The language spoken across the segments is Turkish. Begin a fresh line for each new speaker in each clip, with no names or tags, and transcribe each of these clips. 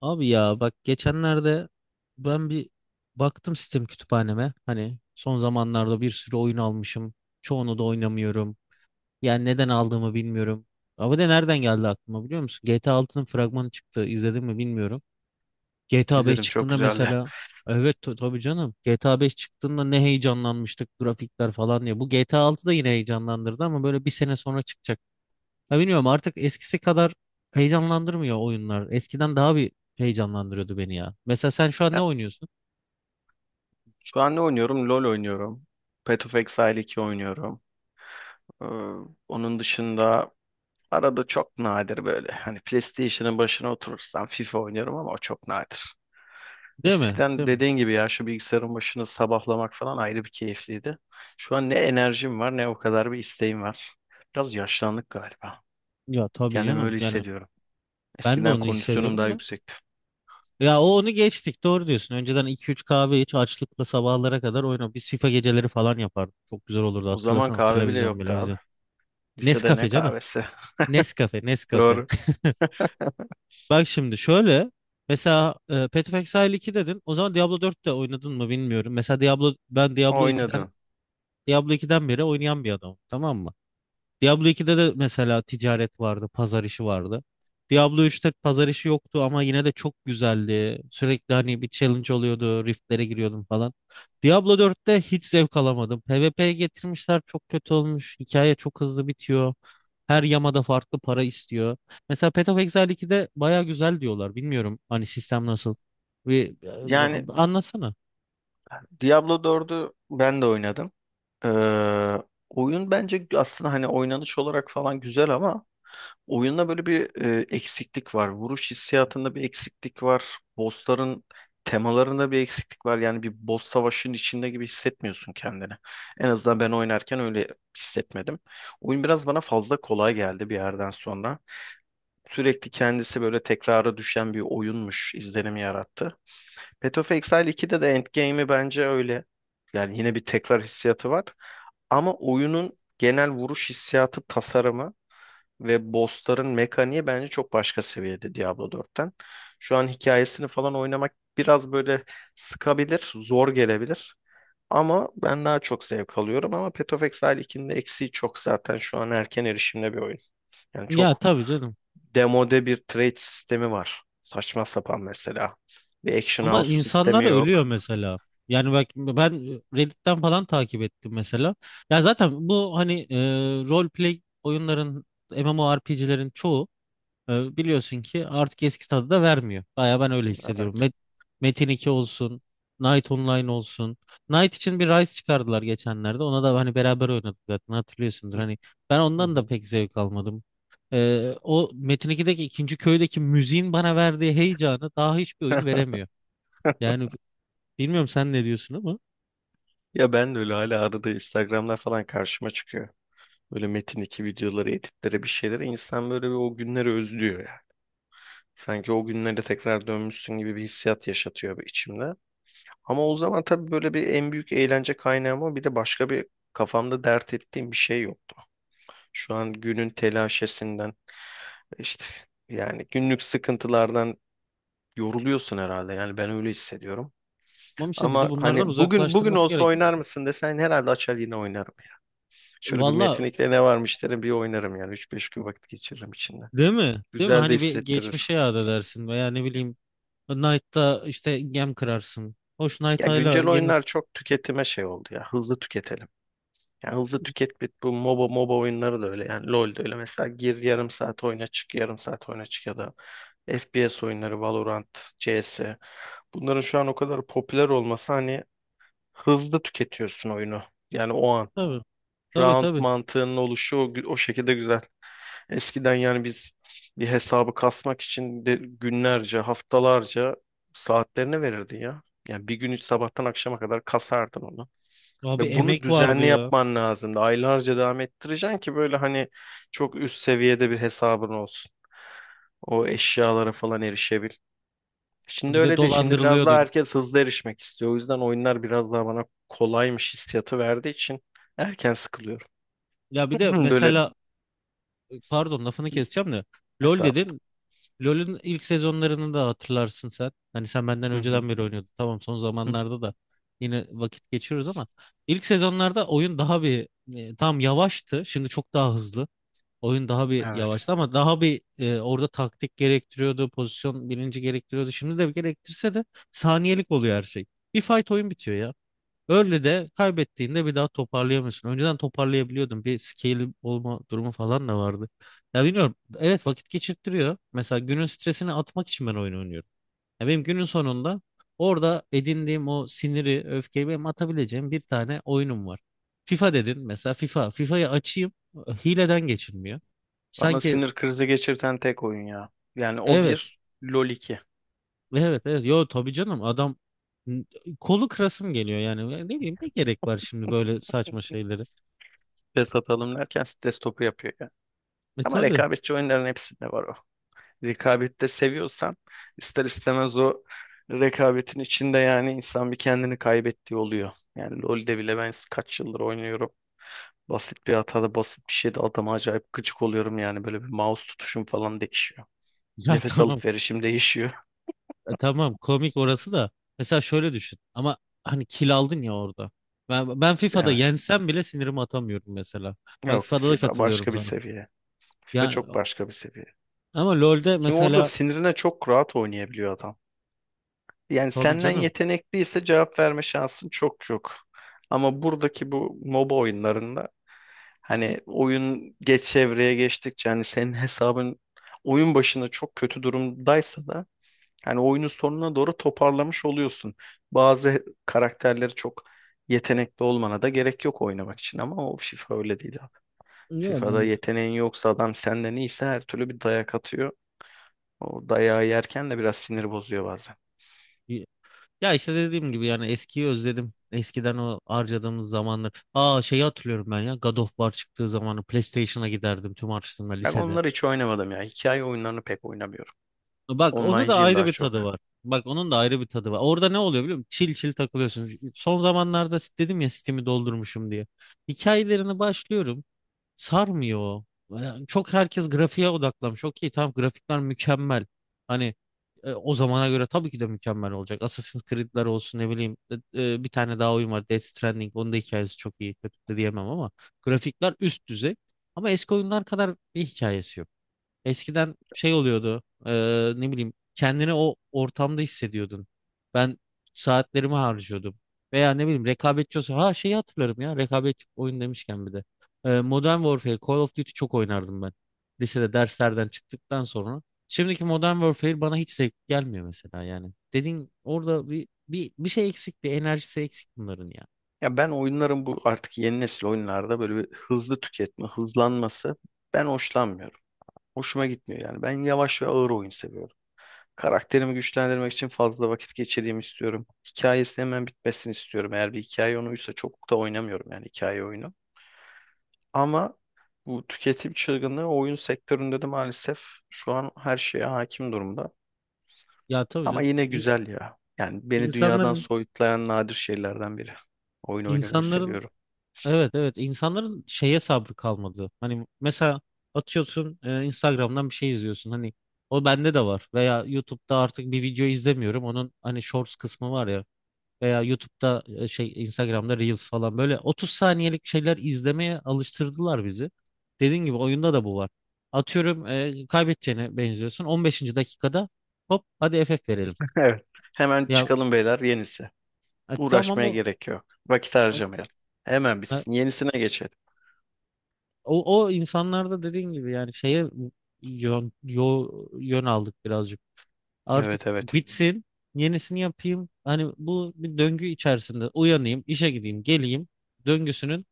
Abi ya bak geçenlerde ben bir baktım sistem kütüphaneme. Hani son zamanlarda bir sürü oyun almışım. Çoğunu da oynamıyorum. Yani neden aldığımı bilmiyorum. Ama de nereden geldi aklıma biliyor musun? GTA altının fragmanı çıktı. İzledin mi bilmiyorum. GTA 5
İzledim, çok
çıktığında
güzeldi.
mesela. Evet, tabii canım. GTA 5 çıktığında ne heyecanlanmıştık grafikler falan diye. Bu GTA 6 da yine heyecanlandırdı ama böyle bir sene sonra çıkacak. Ya bilmiyorum, artık eskisi kadar heyecanlandırmıyor oyunlar. Eskiden daha bir heyecanlandırıyordu beni ya. Mesela sen şu an
Ya,
ne oynuyorsun?
şu an ne oynuyorum? LoL oynuyorum. Path of Exile 2 oynuyorum. Ee, onun dışında arada çok nadir böyle hani PlayStation'ın başına oturursam FIFA oynuyorum ama o çok nadir.
Değil mi?
Eskiden
Değil mi?
dediğin gibi ya şu bilgisayarın başını sabahlamak falan ayrı bir keyifliydi. Şu an ne enerjim var ne o kadar bir isteğim var. Biraz yaşlandık galiba.
Ya tabii
Kendimi öyle
canım. Yani
hissediyorum.
ben de
Eskiden
onu
kondisyonum
hissediyorum
daha
da.
yüksekti.
Ya o, onu geçtik, doğru diyorsun. Önceden 2-3 kahve iç, açlıkla sabahlara kadar oyna. Biz FIFA geceleri falan yapardık. Çok güzel olurdu,
O zaman
hatırlasana,
kahve bile
televizyon
yoktu abi.
televizyon.
Lisede ne
Nescafe canım.
kahvesi?
Nescafe Nescafe.
Doğru.
Bak, şimdi şöyle. Mesela Path of Exile 2 dedin. O zaman Diablo dört de oynadın mı bilmiyorum. Mesela
Oynadım.
Diablo ikiden beri oynayan bir adam, tamam mı? Diablo ikide de mesela ticaret vardı, pazar işi vardı. Diablo üçte pazar işi yoktu ama yine de çok güzeldi. Sürekli hani bir challenge oluyordu, riftlere giriyordum falan. Diablo dörtte hiç zevk alamadım. PvP'ye getirmişler, çok kötü olmuş. Hikaye çok hızlı bitiyor. Her yamada farklı para istiyor. Mesela Path of Exile 2'de baya güzel diyorlar. Bilmiyorum hani sistem nasıl. Bir,
Yani
Anlatsana.
Diablo 4'ü ben de oynadım. Ee, oyun bence aslında hani oynanış olarak falan güzel ama oyunda böyle bir eksiklik var. Vuruş hissiyatında bir eksiklik var. Bossların temalarında bir eksiklik var. Yani bir boss savaşının içinde gibi hissetmiyorsun kendini. En azından ben oynarken öyle hissetmedim. Oyun biraz bana fazla kolay geldi bir yerden sonra. Sürekli kendisi böyle tekrara düşen bir oyunmuş izlenimi yarattı. Path of Exile 2'de de Endgame'i bence öyle. Yani yine bir tekrar hissiyatı var. Ama oyunun genel vuruş hissiyatı, tasarımı ve bossların mekaniği bence çok başka seviyede Diablo 4'ten. Şu an hikayesini falan oynamak biraz böyle sıkabilir, zor gelebilir. Ama ben daha çok zevk alıyorum. Ama Path of Exile 2'nin de eksiği çok zaten şu an erken erişimde bir oyun. Yani
Ya
çok
tabii canım.
demode bir trade sistemi var. Saçma sapan mesela. Bir action
Ama
house
insanlar
sistemi yok.
ölüyor mesela. Yani bak, ben Reddit'ten falan takip ettim mesela. Ya zaten bu hani role play oyunların, MMORPG'lerin çoğu biliyorsun ki artık eski tadı da vermiyor. Baya ben öyle hissediyorum.
Evet.
Metin 2 olsun, Knight Online olsun. Knight için bir Rise çıkardılar geçenlerde. Ona da hani beraber oynadık zaten, hatırlıyorsundur.
Hı
Hani ben
hı.
ondan da
Hı.
pek zevk almadım. O Metin 2'deki ikinci köydeki müziğin bana verdiği heyecanı daha hiçbir oyun veremiyor. Yani bilmiyorum, sen ne diyorsun ama.
Ya ben de öyle hala arada Instagram'da falan karşıma çıkıyor. Böyle Metin 2 videoları, editlere bir şeylere insan böyle bir o günleri özlüyor yani. Sanki o günlere tekrar dönmüşsün gibi bir hissiyat yaşatıyor bir içimde. Ama o zaman tabii böyle bir en büyük eğlence kaynağım o. Bir de başka bir kafamda dert ettiğim bir şey yoktu. Şu an günün telaşesinden işte yani günlük sıkıntılardan yoruluyorsun herhalde. Yani ben öyle hissediyorum.
Ama işte bizi
Ama
bunlardan
hani bugün
uzaklaştırması
olsa
gerekiyor.
oynar mısın desen herhalde açar yine oynarım yani. Şöyle bir
Valla
metinlikle ne varmış derim bir oynarım yani. Üç beş gün vakit geçiririm içinde.
değil mi? Değil mi?
Güzel de
Hani bir
hissettirir.
geçmişe yad edersin veya ne bileyim, Knight'ta işte gem kırarsın. Hoş Knight
Ya
hala
güncel
yeni...
oyunlar çok tüketime şey oldu ya. Hızlı tüketelim. Ya hızlı tüket bit bu MOBA oyunları da öyle yani LoL de öyle. Mesela gir yarım saat oyna çık yarım saat oyna çık ya da FPS oyunları Valorant, CS. Bunların şu an o kadar popüler olması hani hızlı tüketiyorsun oyunu. Yani o an.
Tabii tabii
Round
tabii.
mantığının oluşu o, o şekilde güzel. Eskiden yani biz bir hesabı kasmak için de günlerce, haftalarca saatlerini verirdin ya. Yani bir gün sabahtan akşama kadar kasardın onu.
Abi
Ve bunu
emek vardı
düzenli
ya.
yapman lazımdı. Aylarca devam ettireceksin ki böyle hani çok üst seviyede bir hesabın olsun. O eşyalara falan erişebil. Şimdi
Bir de
öyle değil. Şimdi biraz daha
dolandırılıyordun.
herkes hızlı erişmek istiyor. O yüzden oyunlar biraz daha bana kolaymış hissiyatı verdiği için erken sıkılıyorum.
Ya bir de
Böyle.
mesela, pardon, lafını keseceğim de. LOL dedin. LoL'ün ilk sezonlarını da hatırlarsın sen. Hani sen benden
Hı hı.
önceden beri oynuyordun. Tamam, son
Hı.
zamanlarda da yine vakit geçiriyoruz ama ilk sezonlarda oyun daha bir tam yavaştı. Şimdi çok daha hızlı. Oyun daha bir
Evet.
yavaştı ama daha bir orada taktik gerektiriyordu, pozisyon bilinci gerektiriyordu. Şimdi de gerektirse de saniyelik oluyor her şey. Bir fight oyun bitiyor ya. Öyle de kaybettiğinde bir daha toparlayamıyorsun. Önceden toparlayabiliyordum. Bir scale olma durumu falan da vardı. Ya bilmiyorum. Evet, vakit geçirttiriyor. Mesela günün stresini atmak için ben oyun oynuyorum. Ya benim günün sonunda orada edindiğim o siniri, öfkeyi benim atabileceğim bir tane oyunum var. FIFA dedin mesela, FIFA. FIFA'yı açayım, hileden geçilmiyor.
Bana
Sanki.
sinir krizi geçirten tek oyun ya. Yani o
Evet,
bir, LoL iki.
evet, evet. Yo, tabii canım. Adam, kolu kırasım geliyor yani, ne bileyim, ne gerek var şimdi böyle saçma şeylere.
Stres atalım derken stres topu yapıyor yani.
E
Ama
tabii.
rekabetçi oyunların hepsinde var o. Rekabette seviyorsan ister istemez o rekabetin içinde yani insan bir kendini kaybettiği oluyor. Yani LoL'de bile ben kaç yıldır oynuyorum. Basit bir hatada basit bir şeyde adama acayip gıcık oluyorum yani böyle bir mouse tutuşum falan değişiyor.
Ya
Nefes
tamam.
alıp verişim değişiyor.
Tamam, komik orası da. Mesela şöyle düşün. Ama hani kill aldın ya orada. Ben FIFA'da
Evet.
yensem bile sinirimi atamıyorum mesela. Bak
Yok,
FIFA'da da
FIFA
katılıyorum
başka bir
sana.
seviye. FIFA
Ya
çok başka bir seviye.
ama LoL'de
Çünkü orada
mesela,
sinirine çok rahat oynayabiliyor adam. Yani
tabii
senden
canım.
yetenekliyse cevap verme şansın çok yok. Ama buradaki bu MOBA oyunlarında hani oyun geç evreye geçtikçe hani senin hesabın oyun başında çok kötü durumdaysa da hani oyunun sonuna doğru toparlamış oluyorsun. Bazı karakterleri çok yetenekli olmana da gerek yok oynamak için ama o FIFA öyle değil abi.
Yok,
FIFA'da
bence
yeteneğin yoksa adam senden iyiyse her türlü bir dayak atıyor. O dayağı yerken de biraz sinir bozuyor bazen.
de. Ya işte dediğim gibi, yani eskiyi özledim. Eskiden o harcadığımız zamanlar. Aa, şeyi hatırlıyorum ben ya. God of War çıktığı zamanı PlayStation'a giderdim tüm harçlığımla
Ben
lisede.
onları hiç oynamadım ya. Hikaye oyunlarını pek oynamıyorum.
Bak, ona da
Online'cıyım
ayrı
daha
bir tadı
çok.
var. Bak onun da ayrı bir tadı var. Orada ne oluyor biliyor musun? Çil çil takılıyorsun. Son zamanlarda dedim ya, Steam'i doldurmuşum diye. Hikayelerini başlıyorum. Sarmıyor o. Yani çok, herkes grafiğe odaklamış. Okey tamam, grafikler mükemmel. Hani o zamana göre tabii ki de mükemmel olacak. Assassin's Creed'ler olsun, ne bileyim. Bir tane daha oyun var, Death Stranding. Onun da hikayesi çok iyi. Kötü de diyemem ama. Grafikler üst düzey. Ama eski oyunlar kadar bir hikayesi yok. Eskiden şey oluyordu. Ne bileyim, kendini o ortamda hissediyordun. Ben saatlerimi harcıyordum. Veya ne bileyim rekabetçi olsa, ha, şeyi hatırlarım ya, rekabetçi oyun demişken bir de. Modern Warfare, Call of Duty çok oynardım ben. Lisede derslerden çıktıktan sonra. Şimdiki Modern Warfare bana hiç zevk gelmiyor mesela, yani. Dediğin orada bir şey eksik, bir enerjisi eksik bunların ya.
Ya ben oyunların bu artık yeni nesil oyunlarda böyle bir hızlı tüketme, hızlanması ben hoşlanmıyorum. Hoşuma gitmiyor yani. Ben yavaş ve ağır oyun seviyorum. Karakterimi güçlendirmek için fazla vakit geçireyim istiyorum. Hikayesi hemen bitmesini istiyorum. Eğer bir hikaye oyunuysa çok da oynamıyorum yani hikaye oyunu. Ama bu tüketim çılgınlığı oyun sektöründe de maalesef şu an her şeye hakim durumda.
Ya tabii
Ama
canım.
yine
İn-
güzel ya. Yani beni dünyadan
insanların
soyutlayan nadir şeylerden biri. Oyun oynamayı
insanların
seviyorum.
Evet, evet, insanların şeye sabrı kalmadı. Hani mesela atıyorsun, Instagram'dan bir şey izliyorsun. Hani o bende de var. Veya YouTube'da artık bir video izlemiyorum. Onun hani Shorts kısmı var ya. Veya YouTube'da şey, Instagram'da Reels falan, böyle 30 saniyelik şeyler izlemeye alıştırdılar bizi. Dediğin gibi oyunda da bu var. Atıyorum, kaybedeceğine benziyorsun. 15. dakikada hop, hadi FF verelim.
Evet. Hemen
Ya
çıkalım beyler yenisi.
e, tamam
Uğraşmaya
o
gerek yok. Vakit harcamayalım. Hemen bitsin. Yenisine geçelim.
O insanlarda dediğin gibi yani şeye, yön, yo, yön aldık birazcık.
Evet,
Artık
evet.
bitsin, yenisini yapayım. Hani bu, bir döngü içerisinde uyanayım, işe gideyim, geleyim döngüsünün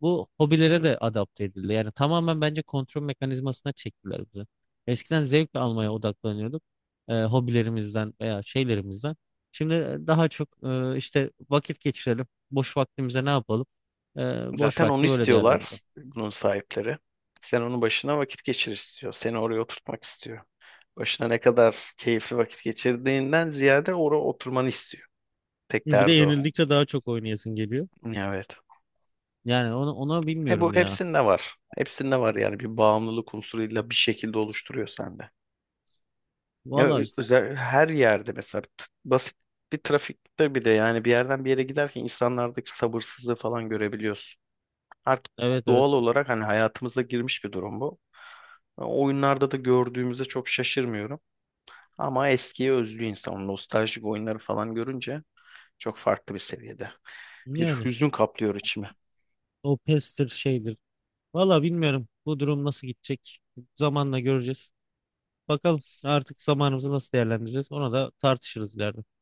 bu hobilere de adapte edildi. Yani tamamen bence kontrol mekanizmasına çektiler bizi. Eskiden zevk almaya odaklanıyorduk, hobilerimizden veya şeylerimizden. Şimdi daha çok işte, vakit geçirelim, boş vaktimize ne yapalım? E, Boş
Zaten onu
vakti böyle değerlendirelim.
istiyorlar bunun sahipleri. Sen onun başına vakit geçir istiyor. Seni oraya oturtmak istiyor. Başına ne kadar keyifli vakit geçirdiğinden ziyade oraya oturmanı istiyor. Tek
Bir de
derdi o.
yenildikçe daha çok oynayasın geliyor.
Evet.
Yani ona
He, bu
bilmiyorum ya.
hepsinde var. Hepsinde var yani bir bağımlılık unsuruyla bir şekilde oluşturuyor sende. Ya,
Valla,
özel, her yerde mesela basit bir trafikte bir de yani bir yerden bir yere giderken insanlardaki sabırsızlığı falan görebiliyorsun. Artık
evet,
doğal
evet.
olarak hani hayatımıza girmiş bir durum bu. Oyunlarda da gördüğümüzde çok şaşırmıyorum. Ama eskiye özlü insan o nostaljik oyunları falan görünce çok farklı bir seviyede. Bir
Yani
hüzün kaplıyor içimi.
o pestir şeydir. Valla bilmiyorum bu durum nasıl gidecek. Zamanla göreceğiz. Bakalım artık zamanımızı nasıl değerlendireceğiz. Ona da tartışırız ileride.